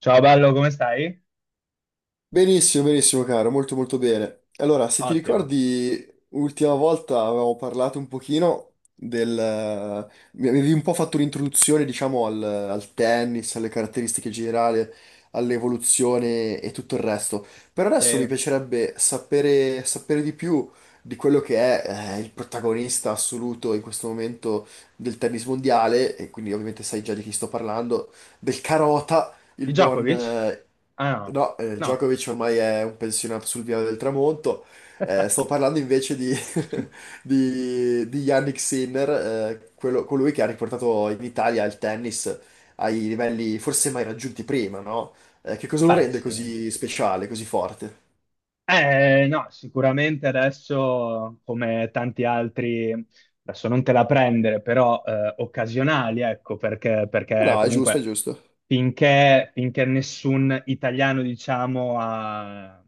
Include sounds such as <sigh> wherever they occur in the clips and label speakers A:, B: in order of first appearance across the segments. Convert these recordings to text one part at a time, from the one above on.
A: Ciao bello, come stai?
B: Benissimo, benissimo, caro, molto bene. Allora, se ti
A: Ottimo.
B: ricordi, l'ultima volta avevamo parlato un pochino del... Mi avevi un po' fatto un'introduzione, diciamo, al tennis, alle caratteristiche generali, all'evoluzione e tutto il resto. Per adesso mi
A: Sei
B: piacerebbe sapere, sapere di più di quello che è, il protagonista assoluto in questo momento del tennis mondiale, e quindi ovviamente sai già di chi sto parlando, del Carota il
A: di
B: buon...
A: Djokovic?
B: eh,
A: Ah no,
B: no,
A: no.
B: Djokovic ormai è un pensionato sul viale del tramonto. Sto
A: <laughs>
B: parlando invece <laughs> di Yannick Sinner, colui che ha riportato in Italia il tennis ai livelli forse mai raggiunti prima, no? Che cosa lo
A: Beh,
B: rende
A: sì.
B: così speciale, così forte?
A: No, sicuramente adesso, come tanti altri, adesso non te la prendere, però occasionali, ecco, perché,
B: Ah,
A: perché
B: no, è giusto, è
A: comunque
B: giusto.
A: finché nessun italiano, diciamo, ha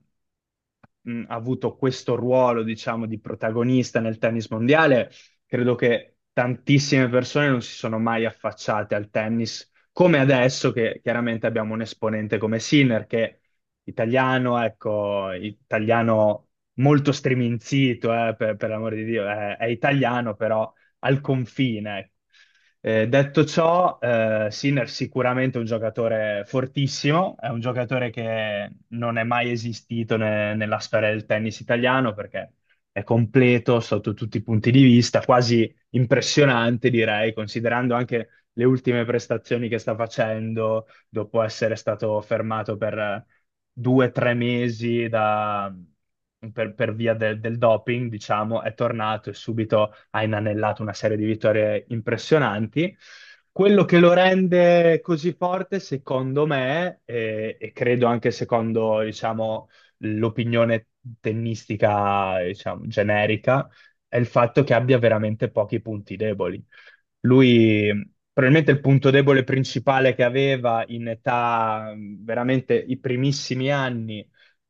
A: mh, ha avuto questo ruolo, diciamo, di protagonista nel tennis mondiale, credo che tantissime persone non si sono mai affacciate al tennis, come adesso che chiaramente abbiamo un esponente come Sinner, che italiano, ecco, italiano molto striminzito, per l'amor di Dio, è italiano, però al confine. Detto ciò, Sinner sicuramente è un giocatore fortissimo, è un giocatore che non è mai esistito nella storia del tennis italiano perché è completo sotto tutti i punti di vista, quasi impressionante direi, considerando anche le ultime prestazioni che sta facendo, dopo essere stato fermato per 2 o 3 mesi per via del doping, diciamo, è tornato e subito ha inanellato una serie di vittorie impressionanti. Quello che lo rende così forte, secondo me, e credo anche secondo, diciamo, l'opinione tennistica, diciamo, generica, è il fatto che abbia veramente pochi punti deboli. Lui, probabilmente il punto debole principale che aveva in età, veramente i primissimi anni,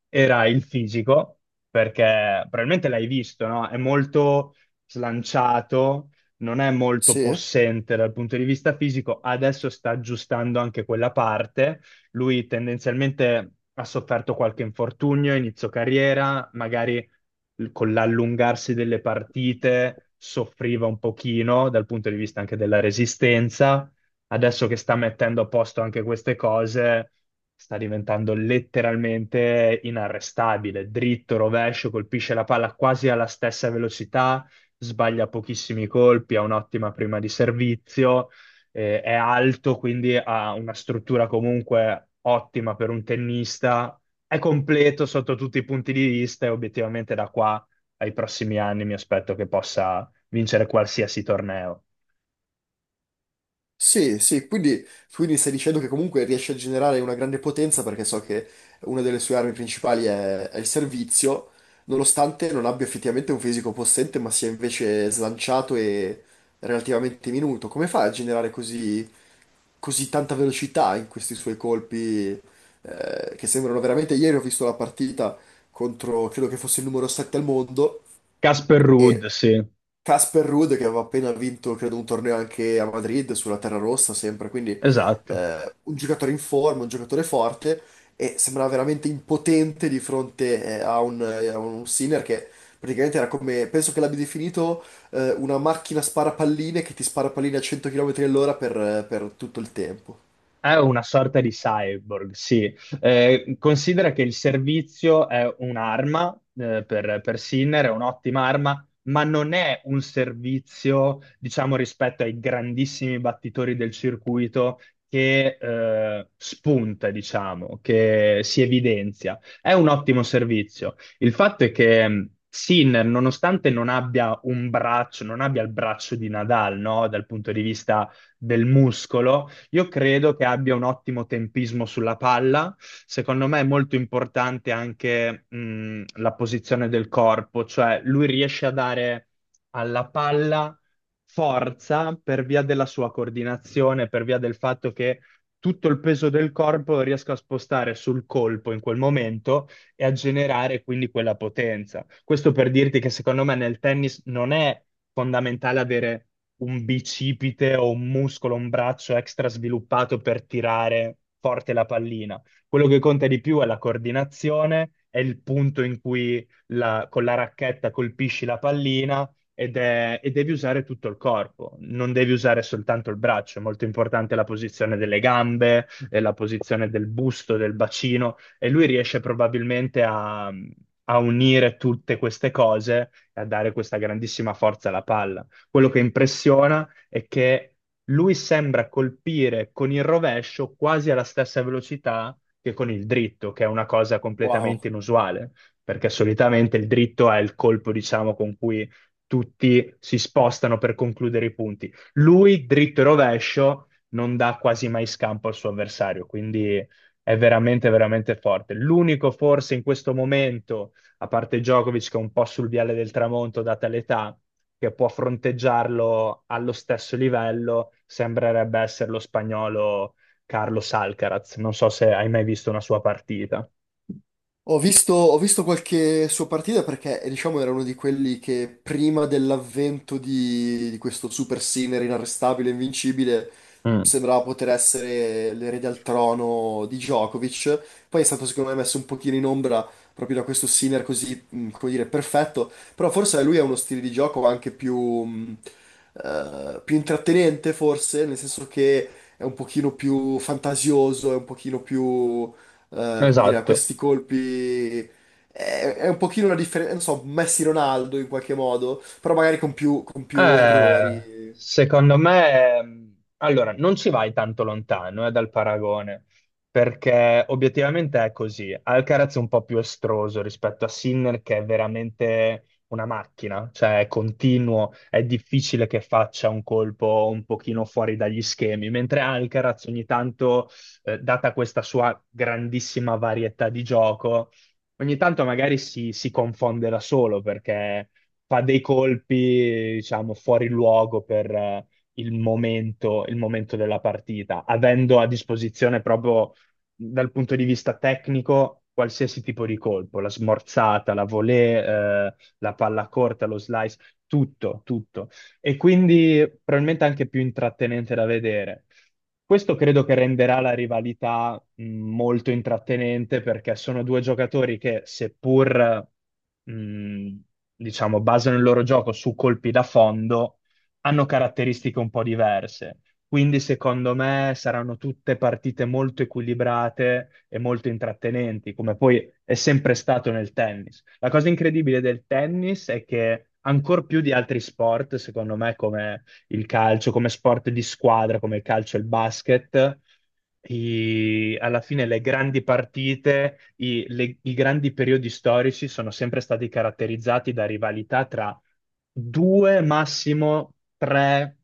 A: era il fisico, perché probabilmente l'hai visto, no? È molto slanciato, non è molto
B: Sì.
A: possente dal punto di vista fisico, adesso sta aggiustando anche quella parte. Lui tendenzialmente ha sofferto qualche infortunio, inizio carriera, magari con l'allungarsi delle partite soffriva un pochino dal punto di vista anche della resistenza. Adesso che sta mettendo a posto anche queste cose, sta diventando letteralmente inarrestabile, dritto, rovescio, colpisce la palla quasi alla stessa velocità, sbaglia pochissimi colpi, ha un'ottima prima di servizio, è alto, quindi ha una struttura comunque ottima per un tennista, è completo sotto tutti i punti di vista e obiettivamente da qua ai prossimi anni mi aspetto che possa vincere qualsiasi torneo.
B: Sì, sì, quindi, quindi stai dicendo che comunque riesce a generare una grande potenza perché so che una delle sue armi principali è il servizio, nonostante non abbia effettivamente un fisico possente, ma sia invece slanciato e relativamente minuto. Come fa a generare così, così tanta velocità in questi suoi colpi, che sembrano veramente... Ieri ho visto la partita contro, credo che fosse il numero 7 al mondo.
A: Casper Ruud,
B: E
A: sì,
B: Casper Ruud che aveva appena vinto, credo, un torneo anche a Madrid sulla terra rossa, sempre, quindi
A: esatto.
B: un giocatore in forma, un giocatore forte e sembrava veramente impotente di fronte a un Sinner che praticamente era come, penso che l'abbia definito una macchina spara palline che ti spara palline a 100 km all'ora per tutto il tempo.
A: È una sorta di cyborg, sì. Considera che il servizio è un'arma, per Sinner, è un'ottima arma, ma non è un servizio, diciamo, rispetto ai grandissimi battitori del circuito che spunta, diciamo, che si evidenzia. È un ottimo servizio. Il fatto è che Sinner, nonostante non abbia un braccio, non abbia il braccio di Nadal, no? Dal punto di vista del muscolo io credo che abbia un ottimo tempismo sulla palla. Secondo me è molto importante anche la posizione del corpo, cioè lui riesce a dare alla palla forza per via della sua coordinazione, per via del fatto che tutto il peso del corpo riesca a spostare sul colpo in quel momento e a generare quindi quella potenza. Questo per dirti che secondo me nel tennis non è fondamentale avere un bicipite o un muscolo, un braccio extra sviluppato per tirare forte la pallina. Quello che conta di più è la coordinazione, è il punto in cui con la racchetta colpisci la pallina ed e devi usare tutto il corpo, non devi usare soltanto il braccio, è molto importante la posizione delle gambe, la posizione del busto, del bacino, e lui riesce probabilmente a unire tutte queste cose e a dare questa grandissima forza alla palla. Quello che impressiona è che lui sembra colpire con il rovescio quasi alla stessa velocità che con il dritto, che è una cosa
B: Wow.
A: completamente inusuale, perché solitamente il dritto è il colpo, diciamo, con cui tutti si spostano per concludere i punti. Lui, dritto e rovescio, non dà quasi mai scampo al suo avversario, quindi è veramente, veramente forte. L'unico forse in questo momento, a parte Djokovic che è un po' sul viale del tramonto data l'età, che può fronteggiarlo allo stesso livello, sembrerebbe essere lo spagnolo Carlos Alcaraz. Non so se hai mai visto una sua partita.
B: Ho visto qualche sua partita perché, diciamo, era uno di quelli che prima dell'avvento di questo super sinner inarrestabile, invincibile,
A: Mm.
B: sembrava poter essere l'erede al trono di Djokovic. Poi è stato, secondo me, messo un pochino in ombra proprio da questo sinner così, come dire, perfetto. Però forse lui ha uno stile di gioco anche più, più intrattenente, forse, nel senso che è un pochino più fantasioso, è un pochino più come dire, a
A: Esatto.
B: questi colpi. È un pochino una differenza, non so, Messi Ronaldo in qualche modo, però magari con più errori.
A: Secondo me, allora, non ci vai tanto lontano, dal paragone, perché obiettivamente è così. Alcaraz è un po' più estroso rispetto a Sinner, che è veramente una macchina, cioè è continuo, è difficile che faccia un colpo un pochino fuori dagli schemi, mentre Alcaraz ogni tanto, data questa sua grandissima varietà di gioco, ogni tanto magari si confonde da solo perché fa dei colpi, diciamo, fuori luogo per il momento della partita, avendo a disposizione proprio dal punto di vista tecnico qualsiasi tipo di colpo, la smorzata, la volée, la palla corta, lo slice, tutto, tutto. E quindi probabilmente anche più intrattenente da vedere. Questo credo che renderà la rivalità molto intrattenente perché sono due giocatori che, seppur mh, diciamo, basano il loro gioco su colpi da fondo, hanno caratteristiche un po' diverse. Quindi, secondo me, saranno tutte partite molto equilibrate e molto intrattenenti, come poi è sempre stato nel tennis. La cosa incredibile del tennis è che, ancor più di altri sport, secondo me, come il calcio come sport di squadra, come il calcio e il basket. Alla fine le grandi partite, i grandi periodi storici sono sempre stati caratterizzati da rivalità tra due, massimo tre,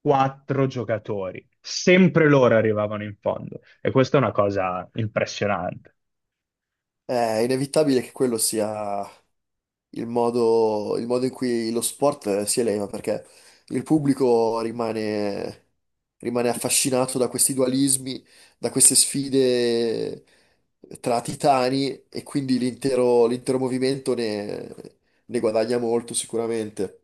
A: quattro giocatori. Sempre loro arrivavano in fondo e questa è una cosa impressionante,
B: È inevitabile che quello sia il modo in cui lo sport si eleva, perché il pubblico rimane, rimane affascinato da questi dualismi, da queste sfide tra titani e quindi l'intero movimento ne, ne guadagna molto sicuramente.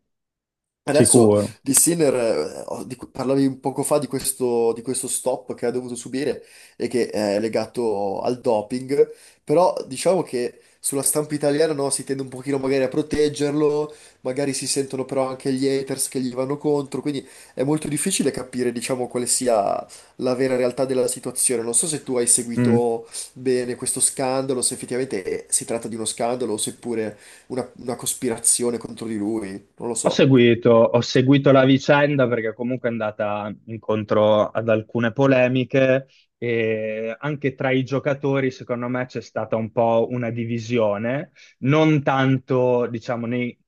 B: Adesso
A: sicuro.
B: di Sinner, parlavi un poco fa di questo stop che ha dovuto subire e che è legato al doping, però diciamo che sulla stampa italiana no, si tende un pochino magari a proteggerlo, magari si sentono però anche gli haters che gli vanno contro, quindi è molto difficile capire diciamo quale sia la vera realtà della situazione. Non so se tu hai
A: Mm.
B: seguito bene questo scandalo, se effettivamente si tratta di uno scandalo o seppure una cospirazione contro di lui, non lo
A: Ho
B: so.
A: seguito, ho seguito la vicenda perché comunque è andata incontro ad alcune polemiche e anche tra i giocatori, secondo me, c'è stata un po' una divisione, non tanto, diciamo,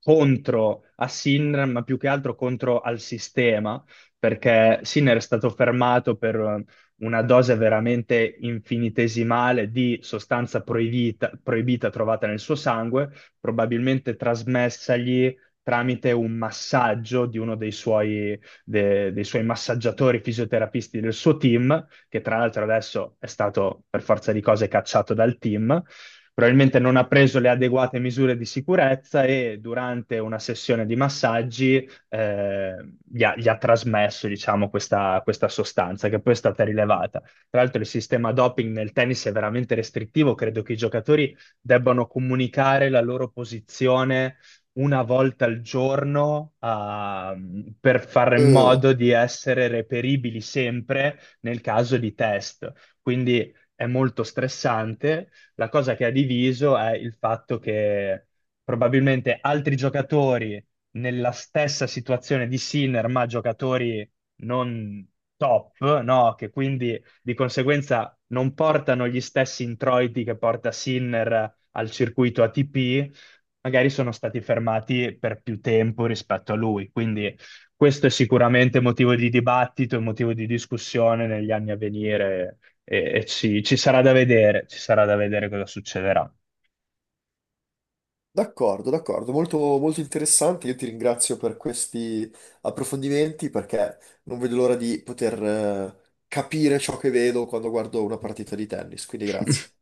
A: contro a Sinner, ma più che altro contro al sistema, perché Sinner è stato fermato per una dose veramente infinitesimale di sostanza proibita proibita trovata nel suo sangue, probabilmente trasmessagli tramite un massaggio di uno dei suoi massaggiatori fisioterapisti del suo team, che tra l'altro adesso è stato per forza di cose cacciato dal team. Probabilmente non ha preso le adeguate misure di sicurezza e durante una sessione di massaggi eh, gli ha trasmesso, diciamo, questa sostanza che poi è stata rilevata. Tra l'altro il sistema doping nel tennis è veramente restrittivo, credo che i giocatori debbano comunicare la loro posizione una volta al giorno per fare in
B: Eh,
A: modo di essere reperibili sempre nel caso di test. Quindi è molto stressante. La cosa che ha diviso è il fatto che probabilmente altri giocatori nella stessa situazione di Sinner, ma giocatori non top, no? Che quindi di conseguenza non portano gli stessi introiti che porta Sinner al circuito ATP magari sono stati fermati per più tempo rispetto a lui. Quindi questo è sicuramente motivo di dibattito e motivo di discussione negli anni a venire e ci sarà da vedere, ci sarà da vedere cosa succederà.
B: D'accordo, d'accordo, molto, molto interessante. Io ti ringrazio per questi approfondimenti perché non vedo l'ora di poter, capire ciò che vedo quando guardo una partita di tennis. Quindi grazie.
A: <laughs>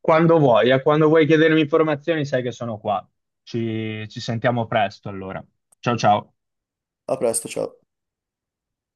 A: Quando vuoi chiedermi informazioni, sai che sono qua. Ci sentiamo presto allora. Ciao ciao.
B: A presto, ciao.